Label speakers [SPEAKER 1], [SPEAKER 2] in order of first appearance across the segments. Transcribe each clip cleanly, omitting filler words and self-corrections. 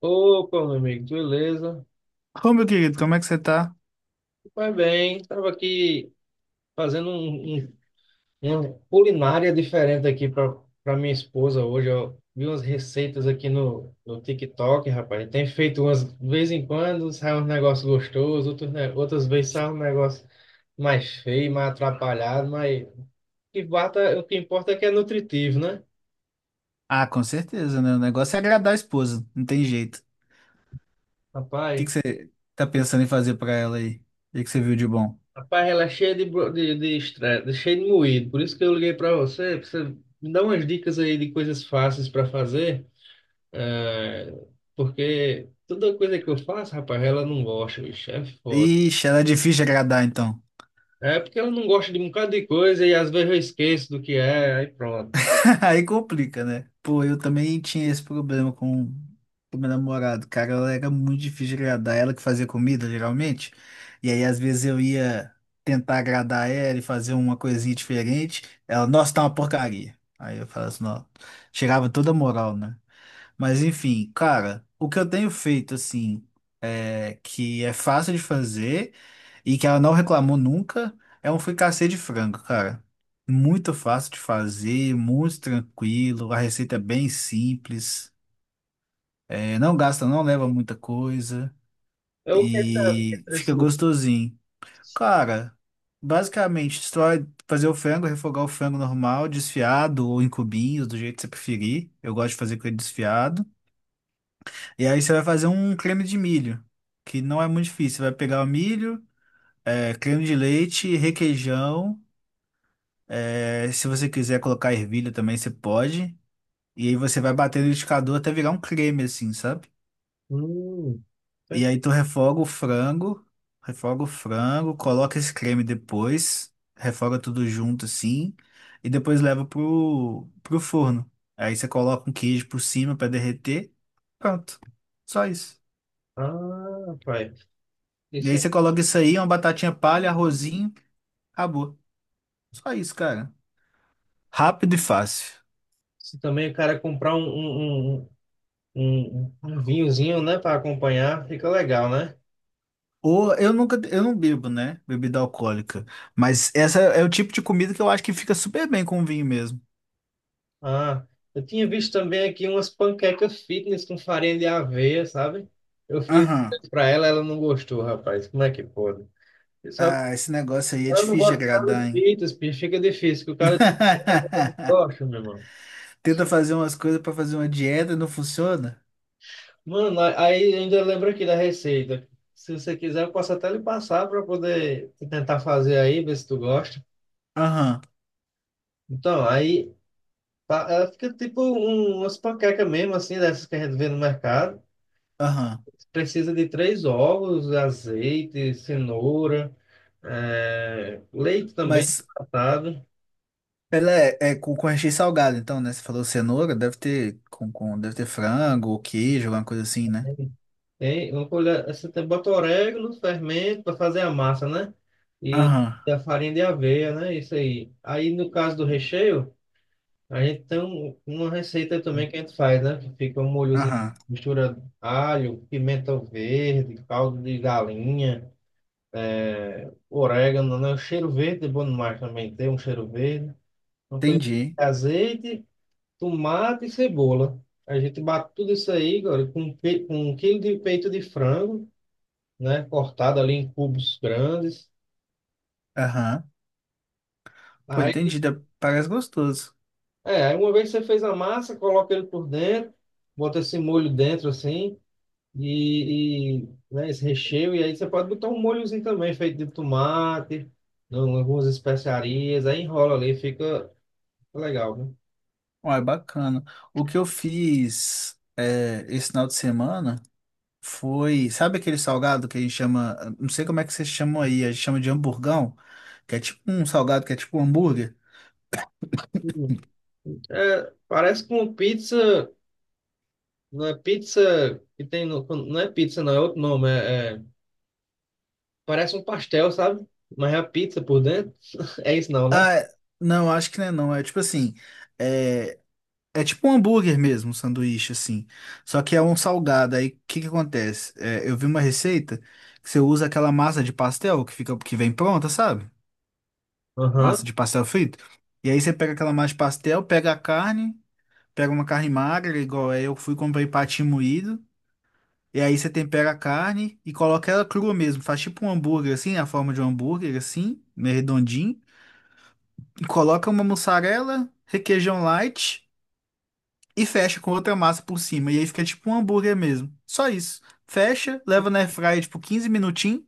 [SPEAKER 1] Opa, meu amigo, beleza?
[SPEAKER 2] Ô, meu querido, como é que você tá?
[SPEAKER 1] Vai bem, estava aqui fazendo uma culinária diferente aqui para minha esposa hoje. Eu vi umas receitas aqui no TikTok, rapaz. Tem feito umas, de vez em quando sai uns negócios gostosos, outros, outras vezes sai um negócio mais feio, mais atrapalhado, mas o que importa é que é nutritivo, né?
[SPEAKER 2] Ah, com certeza, né? O negócio é agradar a esposa, não tem jeito. O que
[SPEAKER 1] Rapaz.
[SPEAKER 2] que você tá pensando em fazer pra ela aí? O que que você viu de bom?
[SPEAKER 1] Ela é cheia de estresse, cheia de moído. Por isso que eu liguei para você, pra você me dar umas dicas aí de coisas fáceis para fazer. eh, Porque toda coisa que eu faço, rapaz, ela não gosta, bicho. É foda.
[SPEAKER 2] Ixi, ela é difícil de agradar, então.
[SPEAKER 1] É porque ela não gosta de um bocado de coisa e às vezes eu esqueço do que é, aí pronto.
[SPEAKER 2] Aí complica, né? Pô, eu também tinha esse problema com o meu namorado. Cara, ela era muito difícil de agradar. Ela que fazia comida, geralmente. E aí, às vezes, eu ia tentar agradar ela e fazer uma coisinha diferente. Ela, nossa, tá uma porcaria. Aí eu falava assim, ó, tirava toda a moral, né? Mas enfim, cara, o que eu tenho feito assim, que é fácil de fazer e que ela não reclamou nunca, é um fricassê de frango, cara. Muito fácil de fazer, muito tranquilo, a receita é bem simples, não gasta, não leva muita coisa
[SPEAKER 1] É o que
[SPEAKER 2] e
[SPEAKER 1] tá
[SPEAKER 2] fica
[SPEAKER 1] assim?
[SPEAKER 2] gostosinho. Cara, basicamente, você vai fazer o frango, refogar o frango normal, desfiado ou em cubinhos, do jeito que você preferir. Eu gosto de fazer com ele desfiado. E aí você vai fazer um creme de milho, que não é muito difícil. Você vai pegar o milho, creme de leite, requeijão. Se você quiser colocar ervilha também, você pode. E aí você vai bater no liquidificador até virar um creme, assim, sabe?
[SPEAKER 1] Hum, tá.
[SPEAKER 2] E aí tu refoga o frango, coloca esse creme depois, refoga tudo junto, assim, e depois leva pro, forno. Aí você coloca um queijo por cima para derreter. Pronto. Só isso.
[SPEAKER 1] Ah, rapaz.
[SPEAKER 2] E
[SPEAKER 1] Isso,
[SPEAKER 2] aí
[SPEAKER 1] é-
[SPEAKER 2] você coloca isso aí, uma batatinha palha, arrozinho, acabou. Só isso, cara. Rápido e fácil.
[SPEAKER 1] isso também o cara comprar um vinhozinho, né, para acompanhar, fica legal, né?
[SPEAKER 2] Ou eu nunca, eu não bebo, né? Bebida alcoólica. Mas essa é o tipo de comida que eu acho que fica super bem com vinho mesmo.
[SPEAKER 1] Ah, eu tinha visto também aqui umas panquecas fitness com farinha de aveia, sabe? Eu fiz
[SPEAKER 2] Aham.
[SPEAKER 1] pra ela, ela não gostou, rapaz. Como é que pode? E sabe,
[SPEAKER 2] Ah, esse negócio aí é
[SPEAKER 1] ela não
[SPEAKER 2] difícil de
[SPEAKER 1] gosta de nada
[SPEAKER 2] agradar,
[SPEAKER 1] de
[SPEAKER 2] hein?
[SPEAKER 1] fitness, bicho, fica difícil, que o cara não gosta, meu irmão.
[SPEAKER 2] Tenta fazer umas coisas pra fazer uma dieta e não funciona?
[SPEAKER 1] Mano, aí ainda lembro aqui da receita. Se você quiser, eu posso até lhe passar para poder tentar fazer aí, ver se tu gosta.
[SPEAKER 2] Aham,
[SPEAKER 1] Então, aí tá, ela fica tipo um, umas panquecas mesmo, assim, dessas que a gente vê no mercado.
[SPEAKER 2] aham.
[SPEAKER 1] Precisa de três ovos, azeite, cenoura, leite também
[SPEAKER 2] Mas
[SPEAKER 1] tratado.
[SPEAKER 2] ela é, com, recheio salgado, então, né? Você falou cenoura, deve ter com deve ter frango ou queijo, alguma coisa assim, né?
[SPEAKER 1] Tem uma colher, você tem, bota orégano, fermento para fazer a massa, né?
[SPEAKER 2] Aham.
[SPEAKER 1] E a farinha de aveia, né? Isso aí. Aí no caso do recheio, a gente tem uma receita também que a gente faz, né? Que fica um molhozinho,
[SPEAKER 2] Aham,
[SPEAKER 1] mistura alho, pimenta verde, caldo de galinha, é, orégano, né? O cheiro verde é bom demais também, tem um cheiro verde. Uma colher
[SPEAKER 2] entendi.
[SPEAKER 1] de azeite, tomate e cebola. A gente bate tudo isso aí, agora, com, com um quilo de peito de frango, né? Cortado ali em cubos grandes.
[SPEAKER 2] Aham. Pô,
[SPEAKER 1] Aí,
[SPEAKER 2] entendi. Parece gostoso.
[SPEAKER 1] é, aí uma vez que você fez a massa, coloca ele por dentro, bota esse molho dentro assim, né, esse recheio, e aí você pode botar um molhozinho também, feito de tomate, não, algumas especiarias, aí enrola ali, fica legal, né?
[SPEAKER 2] Uai, bacana. O que eu fiz é, esse final de semana foi. Sabe aquele salgado que a gente chama. Não sei como é que vocês chamam aí, a gente chama de hamburgão, que é tipo um salgado que é tipo um hambúrguer.
[SPEAKER 1] Hum. É, parece com pizza, não é pizza que tem, não é pizza, não, é outro nome, parece um pastel, sabe? Mas é a pizza por dentro. É isso não, né?
[SPEAKER 2] Ah, não, acho que não é não. É tipo assim. É, é tipo um hambúrguer mesmo, um sanduíche, assim. Só que é um salgado. Aí o que que acontece? É, eu vi uma receita que você usa aquela massa de pastel que fica, que vem pronta, sabe? Massa
[SPEAKER 1] Aham.
[SPEAKER 2] de pastel frito. E aí você pega aquela massa de pastel, pega a carne, pega uma carne magra, igual eu fui e comprei patinho moído. E aí você tempera a carne e coloca ela crua mesmo. Faz tipo um hambúrguer assim, a forma de um hambúrguer assim, meio redondinho. E coloca uma mussarela, requeijão light e fecha com outra massa por cima. E aí fica tipo um hambúrguer mesmo. Só isso. Fecha, leva na airfryer tipo 15 minutinhos.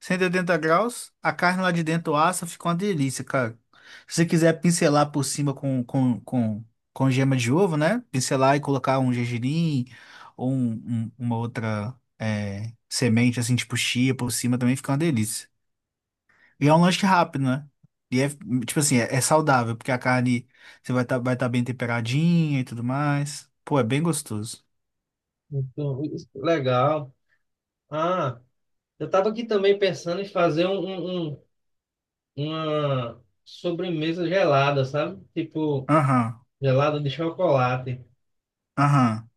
[SPEAKER 2] 180 graus, a carne lá de dentro assa, fica uma delícia, cara. Se você quiser pincelar por cima com gema de ovo, né? Pincelar e colocar um gergelim ou uma outra semente, assim, tipo chia por cima, também fica uma delícia. E é um lanche rápido, né? E é, tipo assim, é saudável, porque a carne você vai tá bem temperadinha e tudo mais. Pô, é bem gostoso.
[SPEAKER 1] Então, isso, legal. Ah, eu estava aqui também pensando em fazer uma sobremesa gelada, sabe? Tipo,
[SPEAKER 2] Aham,
[SPEAKER 1] gelada de chocolate.
[SPEAKER 2] aham.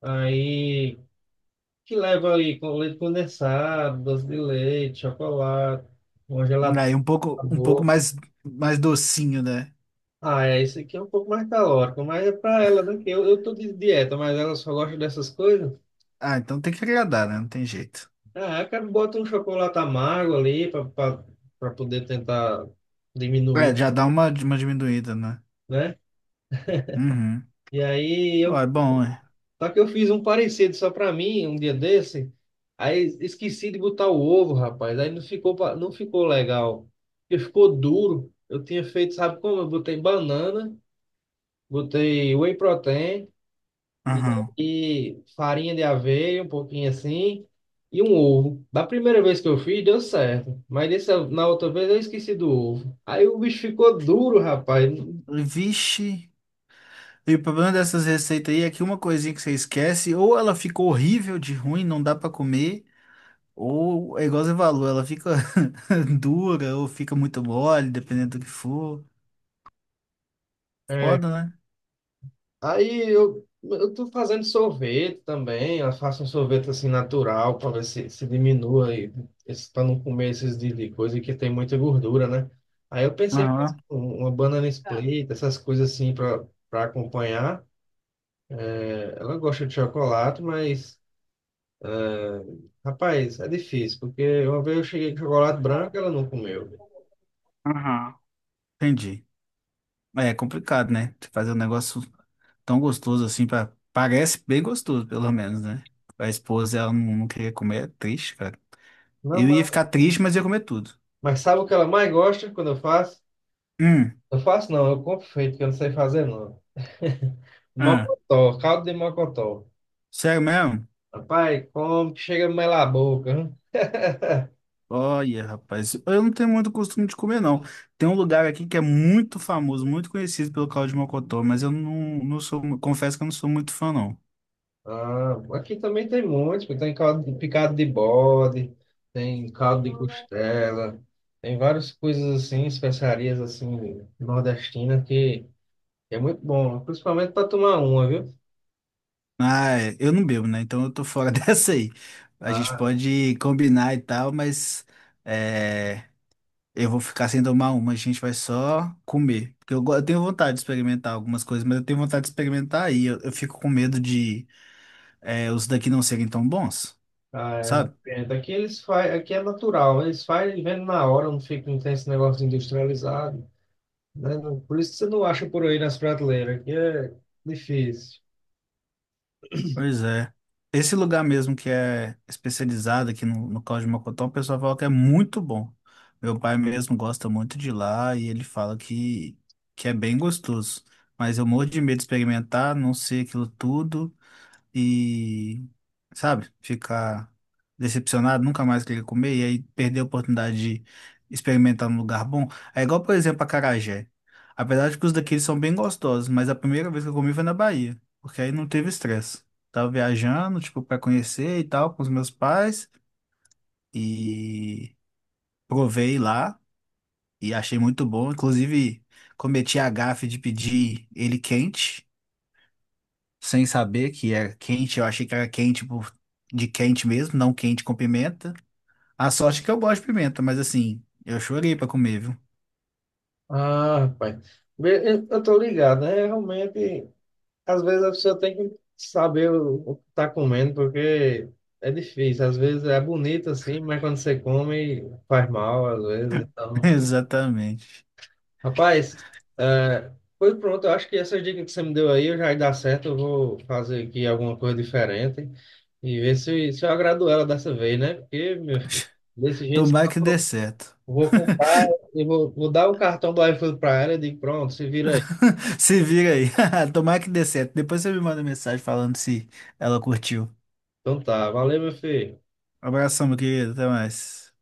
[SPEAKER 1] Aí, que leva aí com leite condensado, doce de leite, chocolate, uma gelada
[SPEAKER 2] Aí um pouco
[SPEAKER 1] sabor.
[SPEAKER 2] mais, mais docinho, né?
[SPEAKER 1] Ah, é, isso aqui é um pouco mais calórico, mas é para ela, né? Que eu tô de dieta, mas ela só gosta dessas coisas.
[SPEAKER 2] Ah, então tem que agradar, né? Não tem jeito.
[SPEAKER 1] É, cara, bota um chocolate amargo ali para poder tentar
[SPEAKER 2] É,
[SPEAKER 1] diminuir,
[SPEAKER 2] já dá uma diminuída, né?
[SPEAKER 1] né?
[SPEAKER 2] Uhum.
[SPEAKER 1] E aí
[SPEAKER 2] Ó,
[SPEAKER 1] eu,
[SPEAKER 2] é bom, é.
[SPEAKER 1] só que eu fiz um parecido só para mim um dia desse. Aí esqueci de botar o ovo, rapaz. Aí não ficou não ficou legal. Porque ficou duro. Eu tinha feito, sabe como? Eu botei banana, botei whey protein e
[SPEAKER 2] Aham.
[SPEAKER 1] aí, farinha de aveia, um pouquinho assim, e um ovo. Da primeira vez que eu fiz, deu certo. Mas dessa, na outra vez eu esqueci do ovo. Aí o bicho ficou duro, rapaz.
[SPEAKER 2] Vixe. E o problema dessas receitas aí é que uma coisinha que você esquece, ou ela fica horrível de ruim, não dá pra comer, ou é igual você falou, ela fica dura ou fica muito mole, dependendo do que for.
[SPEAKER 1] É,
[SPEAKER 2] Foda, né?
[SPEAKER 1] aí eu tô fazendo sorvete também. Eu faço um sorvete assim natural para ver se diminua aí, para não comer esses de coisa que tem muita gordura, né? Aí eu pensei em fazer
[SPEAKER 2] Aham.
[SPEAKER 1] uma banana
[SPEAKER 2] Tá.
[SPEAKER 1] split, essas coisas assim para acompanhar. É, ela gosta de chocolate, mas. Rapaz, é difícil, porque uma vez eu cheguei com chocolate branco, ela não comeu.
[SPEAKER 2] Aham. Entendi. É complicado, né? Você fazer um negócio tão gostoso assim, pra parece bem gostoso, pelo menos, né? A esposa, ela não queria comer, é triste, cara.
[SPEAKER 1] Não,
[SPEAKER 2] Eu ia ficar triste, mas ia comer tudo.
[SPEAKER 1] mas sabe o que ela mais gosta quando eu faço?
[SPEAKER 2] Hum,
[SPEAKER 1] Eu faço não, eu compro feito, que eu não sei fazer não.
[SPEAKER 2] ah,
[SPEAKER 1] Mocotó, caldo de mocotó.
[SPEAKER 2] sério mesmo?
[SPEAKER 1] Rapaz, como que chega a melar a boca, hein?
[SPEAKER 2] Olha, rapaz, eu não tenho muito costume de comer, não. Tem um lugar aqui que é muito famoso, muito conhecido pelo caldo de mocotó, mas eu não sou, confesso que eu não sou muito fã, não.
[SPEAKER 1] Ah, aqui também tem muitos, porque tem picado de bode, tem caldo de costela, tem várias coisas assim, especiarias assim, nordestinas, que é muito bom, principalmente para tomar uma, viu?
[SPEAKER 2] Ah, eu não bebo, né? Então eu tô fora dessa aí. A gente pode combinar e tal, mas. é, Eu vou ficar sem tomar uma, a gente vai só comer. Porque eu tenho vontade de experimentar algumas coisas, mas eu tenho vontade de experimentar aí. Eu fico com medo de os daqui não serem tão bons,
[SPEAKER 1] Ah, é, não
[SPEAKER 2] sabe?
[SPEAKER 1] entendo. Aqui eles faz, aqui é natural, né? Eles fazem vendo na hora, não fica, não tem esse negócio industrializado, né? Não- Por isso que você não acha por aí nas prateleiras, que é difícil.
[SPEAKER 2] Pois é. Esse lugar mesmo que é especializado aqui no caldo de Mocotó, o pessoal fala que é muito bom. Meu pai mesmo gosta muito de lá e ele fala que é bem gostoso. Mas eu morro de medo de experimentar, não sei aquilo tudo. E, sabe, ficar decepcionado, nunca mais querer comer, e aí perder a oportunidade de experimentar num lugar bom. É igual, por exemplo, acarajé. Apesar de que os daqueles são bem gostosos, mas a primeira vez que eu comi foi na Bahia, porque aí não teve estresse. Tava viajando, tipo, para conhecer e tal, com os meus pais, e provei lá, e achei muito bom. Inclusive, cometi a gafe de pedir ele quente. Sem saber que era quente. Eu achei que era quente por, de quente mesmo, não quente com pimenta. A sorte é que eu gosto de pimenta, mas assim, eu chorei pra comer, viu?
[SPEAKER 1] Ah, rapaz, bem, eu tô ligado, né? Realmente, às vezes a pessoa tem que saber o que tá comendo, porque é difícil. Às vezes é bonito assim, mas quando você come, faz mal, às vezes, então.
[SPEAKER 2] Exatamente.
[SPEAKER 1] Rapaz, é, foi pronto. Eu acho que essas dicas que você me deu aí eu já dá certo. Eu vou fazer aqui alguma coisa diferente e ver se eu agrado ela dessa vez, né? Porque, meu filho, desse jeito,
[SPEAKER 2] Tomara que dê certo.
[SPEAKER 1] eu vou comprar vou dar o cartão do iFood para ela e digo, pronto, se vira aí.
[SPEAKER 2] Se vira aí. Tomara que dê certo. Depois você me manda mensagem falando se ela curtiu.
[SPEAKER 1] Então tá, valeu, meu filho.
[SPEAKER 2] Abração, meu querido. Até mais.